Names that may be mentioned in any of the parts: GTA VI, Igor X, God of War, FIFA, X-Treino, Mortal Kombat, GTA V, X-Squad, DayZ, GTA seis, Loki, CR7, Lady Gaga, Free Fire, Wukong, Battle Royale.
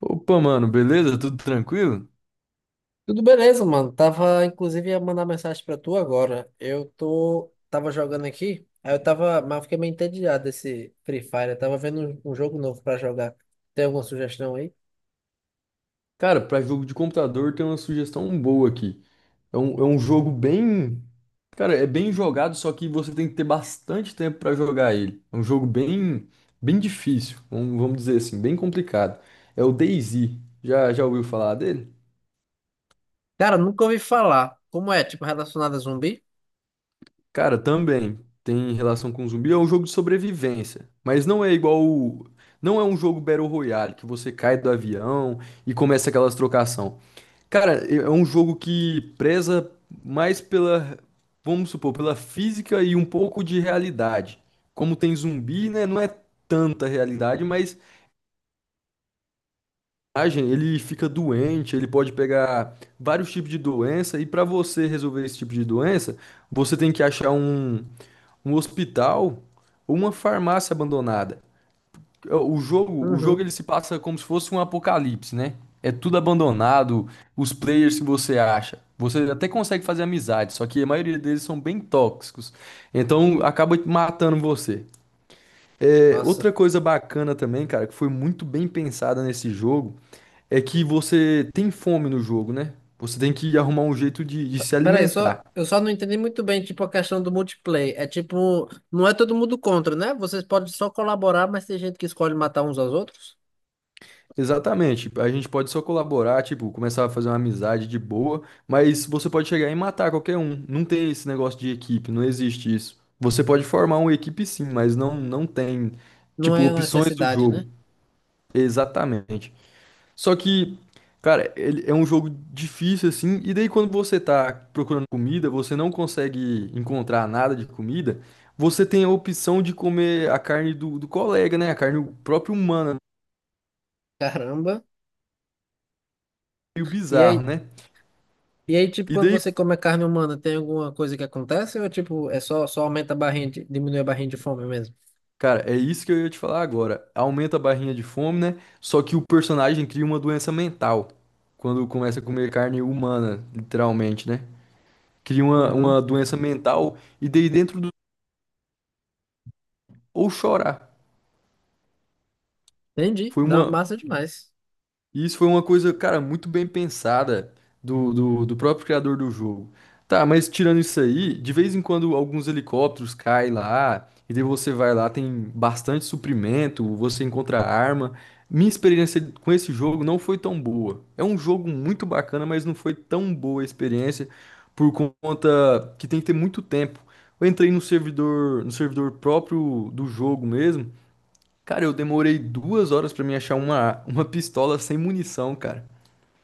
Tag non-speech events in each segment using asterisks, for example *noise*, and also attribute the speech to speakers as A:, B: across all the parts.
A: Opa, mano, beleza? Tudo tranquilo?
B: Tudo beleza, mano. Tava, inclusive, ia mandar mensagem pra tu agora. Tava jogando aqui, mas eu fiquei meio entediado desse Free Fire. Eu tava vendo um jogo novo pra jogar. Tem alguma sugestão aí?
A: Cara, pra jogo de computador tem uma sugestão boa aqui. É um jogo bem. Cara, é bem jogado, só que você tem que ter bastante tempo pra jogar ele. É um jogo bem, bem difícil, vamos dizer assim, bem complicado. É o DayZ. Já ouviu falar dele?
B: Cara, nunca ouvi falar. Como é? Tipo, relacionado a zumbi?
A: Cara, também tem relação com zumbi. É um jogo de sobrevivência, mas não é igual. Não é um jogo Battle Royale que você cai do avião e começa aquelas trocação. Cara, é um jogo que preza mais pela, vamos supor, pela física e um pouco de realidade. Como tem zumbi, né? Não é tanta realidade, mas ah, gente, ele fica doente, ele pode pegar vários tipos de doença, e para você resolver esse tipo de doença, você tem que achar um hospital ou uma farmácia abandonada. É, o jogo
B: Uhum.
A: ele se passa como se fosse um apocalipse, né? É tudo abandonado, os players que você acha. Você até consegue fazer amizade, só que a maioria deles são bem tóxicos. Então acaba matando você. É,
B: Nossa.
A: outra coisa bacana também, cara, que foi muito bem pensada nesse jogo, é que você tem fome no jogo, né? Você tem que arrumar um jeito de se
B: Peraí,
A: alimentar.
B: só, eu só não entendi muito bem, tipo, a questão do multiplayer. É tipo, não é todo mundo contra, né? Vocês podem só colaborar, mas tem gente que escolhe matar uns aos outros.
A: Exatamente. A gente pode só colaborar, tipo, começar a fazer uma amizade de boa, mas você pode chegar e matar qualquer um. Não tem esse negócio de equipe, não existe isso. Você pode formar uma equipe sim, mas não tem,
B: Não
A: tipo,
B: é uma
A: opções do
B: necessidade,
A: jogo.
B: né?
A: Exatamente. Só que, cara, ele é um jogo difícil assim, e daí quando você tá procurando comida, você não consegue encontrar nada de comida, você tem a opção de comer a carne do colega, né? A carne própria humana,
B: Caramba.
A: meio
B: E
A: bizarro,
B: aí,
A: né?
B: E aí, tipo,
A: E
B: quando
A: daí,
B: você come a carne humana, tem alguma coisa que acontece? Ou, é, tipo, é só aumenta a barrinha, diminui a barrinha de fome mesmo?
A: cara, é isso que eu ia te falar agora. Aumenta a barrinha de fome, né? Só que o personagem cria uma doença mental quando começa a comer carne humana, literalmente, né? Cria uma,
B: Uhum.
A: uma doença mental e daí dentro do... ou chorar.
B: Entendi.
A: Foi
B: Não,
A: uma,
B: massa demais.
A: E isso foi uma coisa, cara, muito bem pensada do próprio criador do jogo. Tá, mas tirando isso aí, de vez em quando alguns helicópteros caem lá, e daí você vai lá, tem bastante suprimento, você encontra arma. Minha experiência com esse jogo não foi tão boa. É um jogo muito bacana, mas não foi tão boa a experiência por conta que tem que ter muito tempo. Eu entrei no servidor, no servidor próprio do jogo mesmo. Cara, eu demorei 2 horas pra me achar uma pistola sem munição, cara.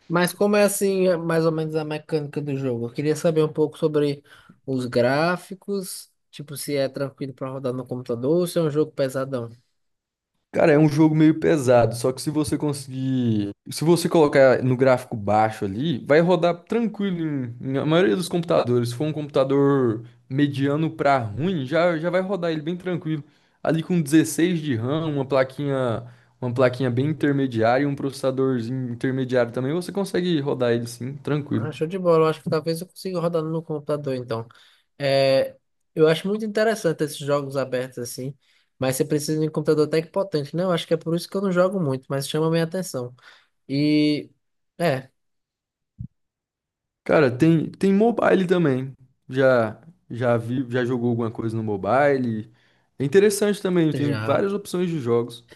B: Mas como é, assim, é mais ou menos a mecânica do jogo? Eu queria saber um pouco sobre os gráficos, tipo, se é tranquilo pra rodar no computador ou se é um jogo pesadão.
A: Cara, é um jogo meio pesado, só que se você conseguir. Se você colocar no gráfico baixo ali, vai rodar tranquilo em a maioria dos computadores. Se for um computador mediano pra ruim, já vai rodar ele bem tranquilo. Ali com 16 de RAM, uma plaquinha bem intermediária e um processadorzinho intermediário também, você consegue rodar ele sim, tranquilo.
B: Ah, show de bola. Eu acho que talvez eu consiga rodar no computador, então. É, eu acho muito interessante esses jogos abertos assim, mas você precisa de um computador até que potente, né? Eu acho que é por isso que eu não jogo muito, mas chama minha atenção. E, é,
A: Cara, tem mobile também. Já já vi, já jogou alguma coisa no mobile. É interessante também, tem
B: já.
A: várias opções de jogos.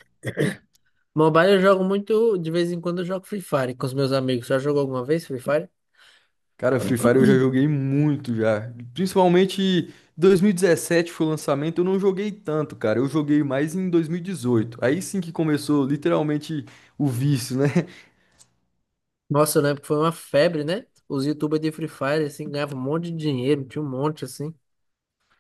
B: Mobile eu jogo muito, de vez em quando eu jogo Free Fire com os meus amigos. Já jogou alguma vez Free Fire?
A: Cara, Free Fire eu já joguei muito já. Principalmente 2017 foi o lançamento, eu não joguei tanto, cara. Eu joguei mais em 2018. Aí sim que começou literalmente o vício, né?
B: Nossa, eu lembro que foi uma febre, né? Os YouTubers de Free Fire, assim, ganhavam um monte de dinheiro, tinha um monte, assim.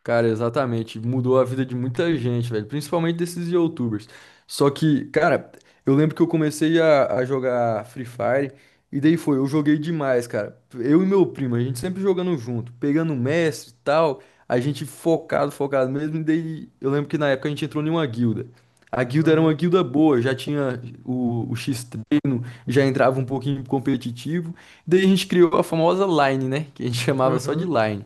A: Cara, exatamente. Mudou a vida de muita gente, velho. Principalmente desses YouTubers. Só que, cara, eu lembro que eu comecei a jogar Free Fire. E daí eu joguei demais, cara. Eu e meu primo, a gente sempre jogando junto, pegando mestre e tal. A gente focado, focado mesmo. E daí eu lembro que na época a gente entrou em uma guilda. A guilda era uma
B: Uhum,
A: guilda boa, já tinha o X-Treino, já entrava um pouquinho competitivo. Daí a gente criou a famosa Line, né? Que a gente *laughs* chamava só de
B: uhum.
A: Line.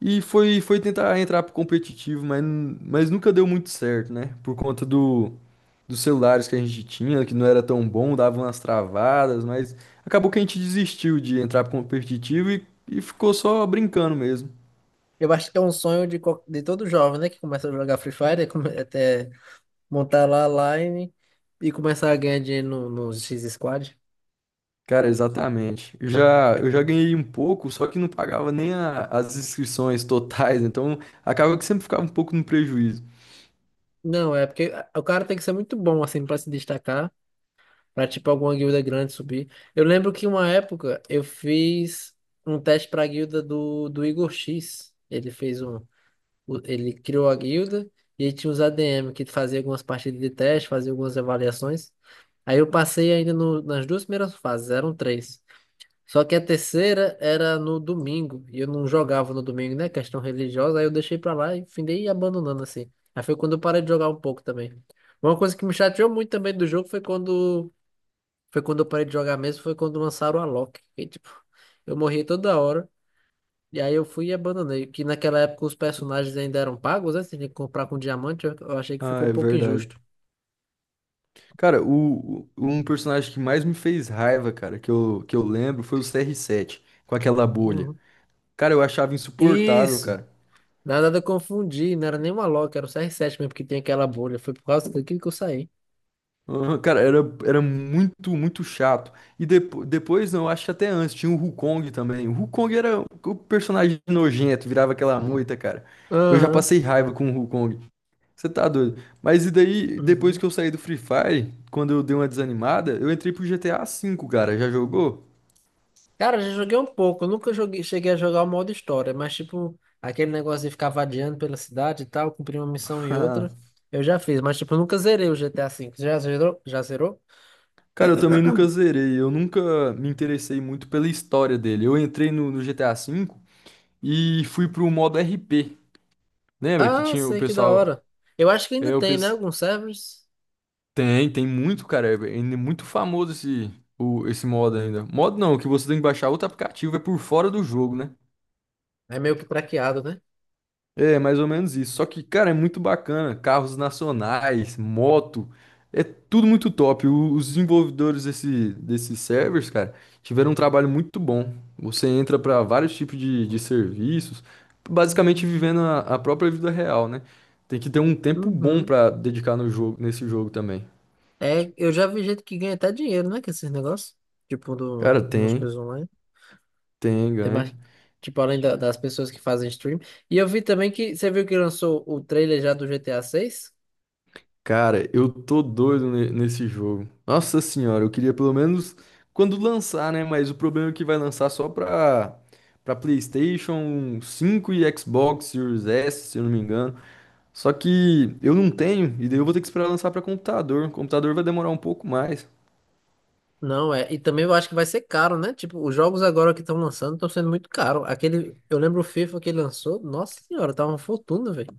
A: E foi tentar entrar pro competitivo, mas nunca deu muito certo, né? Por conta dos celulares que a gente tinha, que não era tão bom, dava umas travadas, mas acabou que a gente desistiu de entrar pro competitivo e ficou só brincando mesmo.
B: Eu acho que é um sonho de, de todo jovem, né? Que começa a jogar Free Fire, até montar lá a line e começar a ganhar dinheiro no X-Squad.
A: Cara, exatamente. Eu já ganhei um pouco, só que não pagava nem as inscrições totais, então acaba que sempre ficava um pouco no prejuízo.
B: Não, é porque o cara tem que ser muito bom, assim, pra se destacar, pra, tipo, alguma guilda grande subir. Eu lembro que uma época eu fiz um teste pra guilda do Igor X. Ele fez um... o- Ele criou a guilda e aí tinha os ADM que fazia algumas partidas de teste, fazia algumas avaliações. Aí eu passei ainda nas duas primeiras fases, eram três. Só que a terceira era no domingo, e eu não jogava no domingo, né? Questão religiosa, aí eu deixei pra lá e findei abandonando assim. Aí foi quando eu parei de jogar um pouco também. Uma coisa que me chateou muito também do jogo foi quando eu parei de jogar mesmo, foi quando lançaram a Loki. E, tipo, eu morri toda hora, e aí eu fui e abandonei. Que naquela época os personagens ainda eram pagos, né? Você tinha que comprar com diamante, eu achei que
A: Ah,
B: ficou um
A: é
B: pouco
A: verdade.
B: injusto.
A: Cara, um personagem que mais me fez raiva, cara, que eu lembro foi o CR7, com aquela bolha.
B: Uhum.
A: Cara, eu achava insuportável,
B: Isso!
A: cara.
B: Na verdade eu confundi, não era nem uma Loki, era o CR7 mesmo, que tem aquela bolha. Foi por causa daquilo que eu saí.
A: Ah, cara, era muito, muito chato. E depois, não, acho que até antes, tinha o Wukong também. O Wukong era o personagem nojento, virava aquela moita, cara. Eu já
B: Aham,
A: passei raiva com o Wukong. Você tá doido. Mas e daí, depois
B: uhum.
A: que eu saí do Free Fire, quando eu dei uma desanimada, eu entrei pro GTA V, cara. Já jogou?
B: Cara, já joguei um pouco. Eu nunca joguei, cheguei a jogar o modo história, mas tipo, aquele negócio de ficar vadiando pela cidade e tal, cumprir uma missão e outra,
A: *laughs*
B: eu já fiz, mas tipo, eu nunca zerei o GTA V. Já zerou?
A: Cara, eu também nunca zerei, eu nunca me interessei muito pela história dele. Eu entrei no GTA V e fui pro modo RP. Lembra que
B: Ah,
A: tinha o
B: sei que da
A: pessoal.
B: hora. Eu acho que ainda
A: É, o
B: tem, né?
A: pes...
B: Alguns servers.
A: tem muito, cara. É muito famoso esse modo ainda. Modo não, que você tem que baixar outro aplicativo, é por fora do jogo, né?
B: É meio que craqueado, né?
A: É, mais ou menos isso. Só que, cara, é muito bacana. Carros nacionais, moto, é tudo muito top. Os desenvolvedores desse, desses servers, cara, tiveram um trabalho muito bom. Você entra para vários tipos de serviços, basicamente vivendo a própria vida real, né? Tem que ter um tempo bom
B: Uhum.
A: para dedicar no jogo, nesse jogo também.
B: É, eu já vi gente que ganha até dinheiro, né? Com esses negócios. Tipo, do,
A: Cara,
B: nos
A: tem,
B: coisas
A: tem,
B: tem
A: ganha.
B: mais, tipo, além das pessoas que fazem stream. E eu vi também que, você viu que lançou o trailer já do GTA 6.
A: Cara, eu tô doido nesse jogo. Nossa senhora, eu queria pelo menos quando lançar, né? Mas o problema é que vai lançar só pra PlayStation 5 e Xbox Series S, se eu não me engano. Só que eu não tenho, e daí eu vou ter que esperar lançar pra computador. O computador vai demorar um pouco mais.
B: Não, é. E também eu acho que vai ser caro, né? Tipo, os jogos agora que estão lançando estão sendo muito caros. Aquele, eu lembro o FIFA que ele lançou, nossa senhora, tá uma fortuna, velho.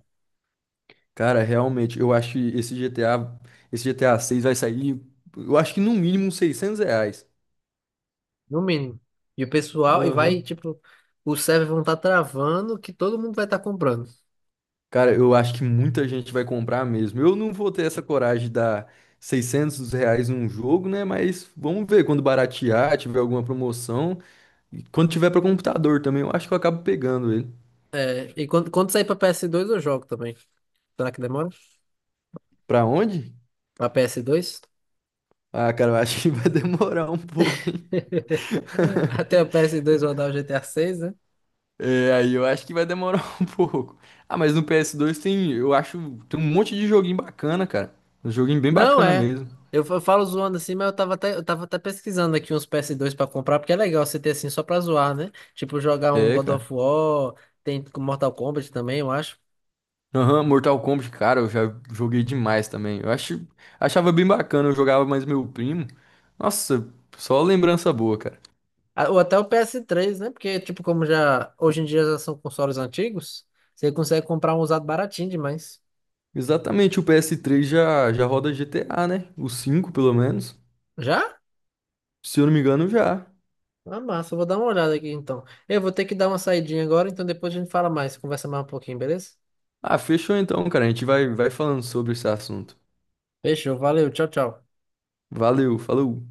A: Cara, realmente, eu acho que esse GTA 6 vai sair, eu acho que no mínimo uns R$ 600.
B: No mínimo. E o pessoal, e vai,
A: Aham.
B: tipo, os servers vão estar travando que todo mundo vai estar comprando.
A: Cara, eu acho que muita gente vai comprar mesmo. Eu não vou ter essa coragem de dar R$ 600 num jogo, né? Mas vamos ver quando baratear, tiver alguma promoção. E quando tiver para computador também, eu acho que eu acabo pegando ele.
B: É, e quando sair pra PS2 eu jogo também. Será que demora?
A: Pra onde?
B: Pra PS2.
A: Ah, cara, eu acho que *laughs* vai demorar um pouco, hein?
B: *laughs* Até a PS2 rodar o GTA, né?
A: É, aí eu acho que vai demorar *laughs* um pouco. Ah, mas no PS2, tem, eu acho, tem um monte de joguinho bacana, cara. Um joguinho bem
B: Não
A: bacana
B: é.
A: mesmo.
B: Eu falo zoando assim, mas eu tava até pesquisando aqui uns PS2 pra comprar, porque é legal você ter assim só pra zoar, né? Tipo, jogar um
A: É,
B: God
A: cara.
B: of War, tem com Mortal Kombat também, eu acho.
A: Aham, Mortal Kombat, cara, eu já joguei demais também. Eu acho, achava bem bacana, eu jogava mais meu primo. Nossa, só lembrança boa, cara.
B: Ah, ou até o PS3, né? Porque, tipo, como já hoje em dia já são consoles antigos, você consegue comprar um usado baratinho demais.
A: Exatamente, o PS3 já roda GTA, né? O 5, pelo menos.
B: Já?
A: Se eu não me engano, já.
B: Ah, massa, eu vou dar uma olhada aqui então. Eu vou ter que dar uma saidinha agora, então depois a gente fala mais, conversa mais um pouquinho, beleza?
A: Ah, fechou então, cara. A gente vai falando sobre esse assunto.
B: Fechou, valeu, tchau, tchau.
A: Valeu, falou.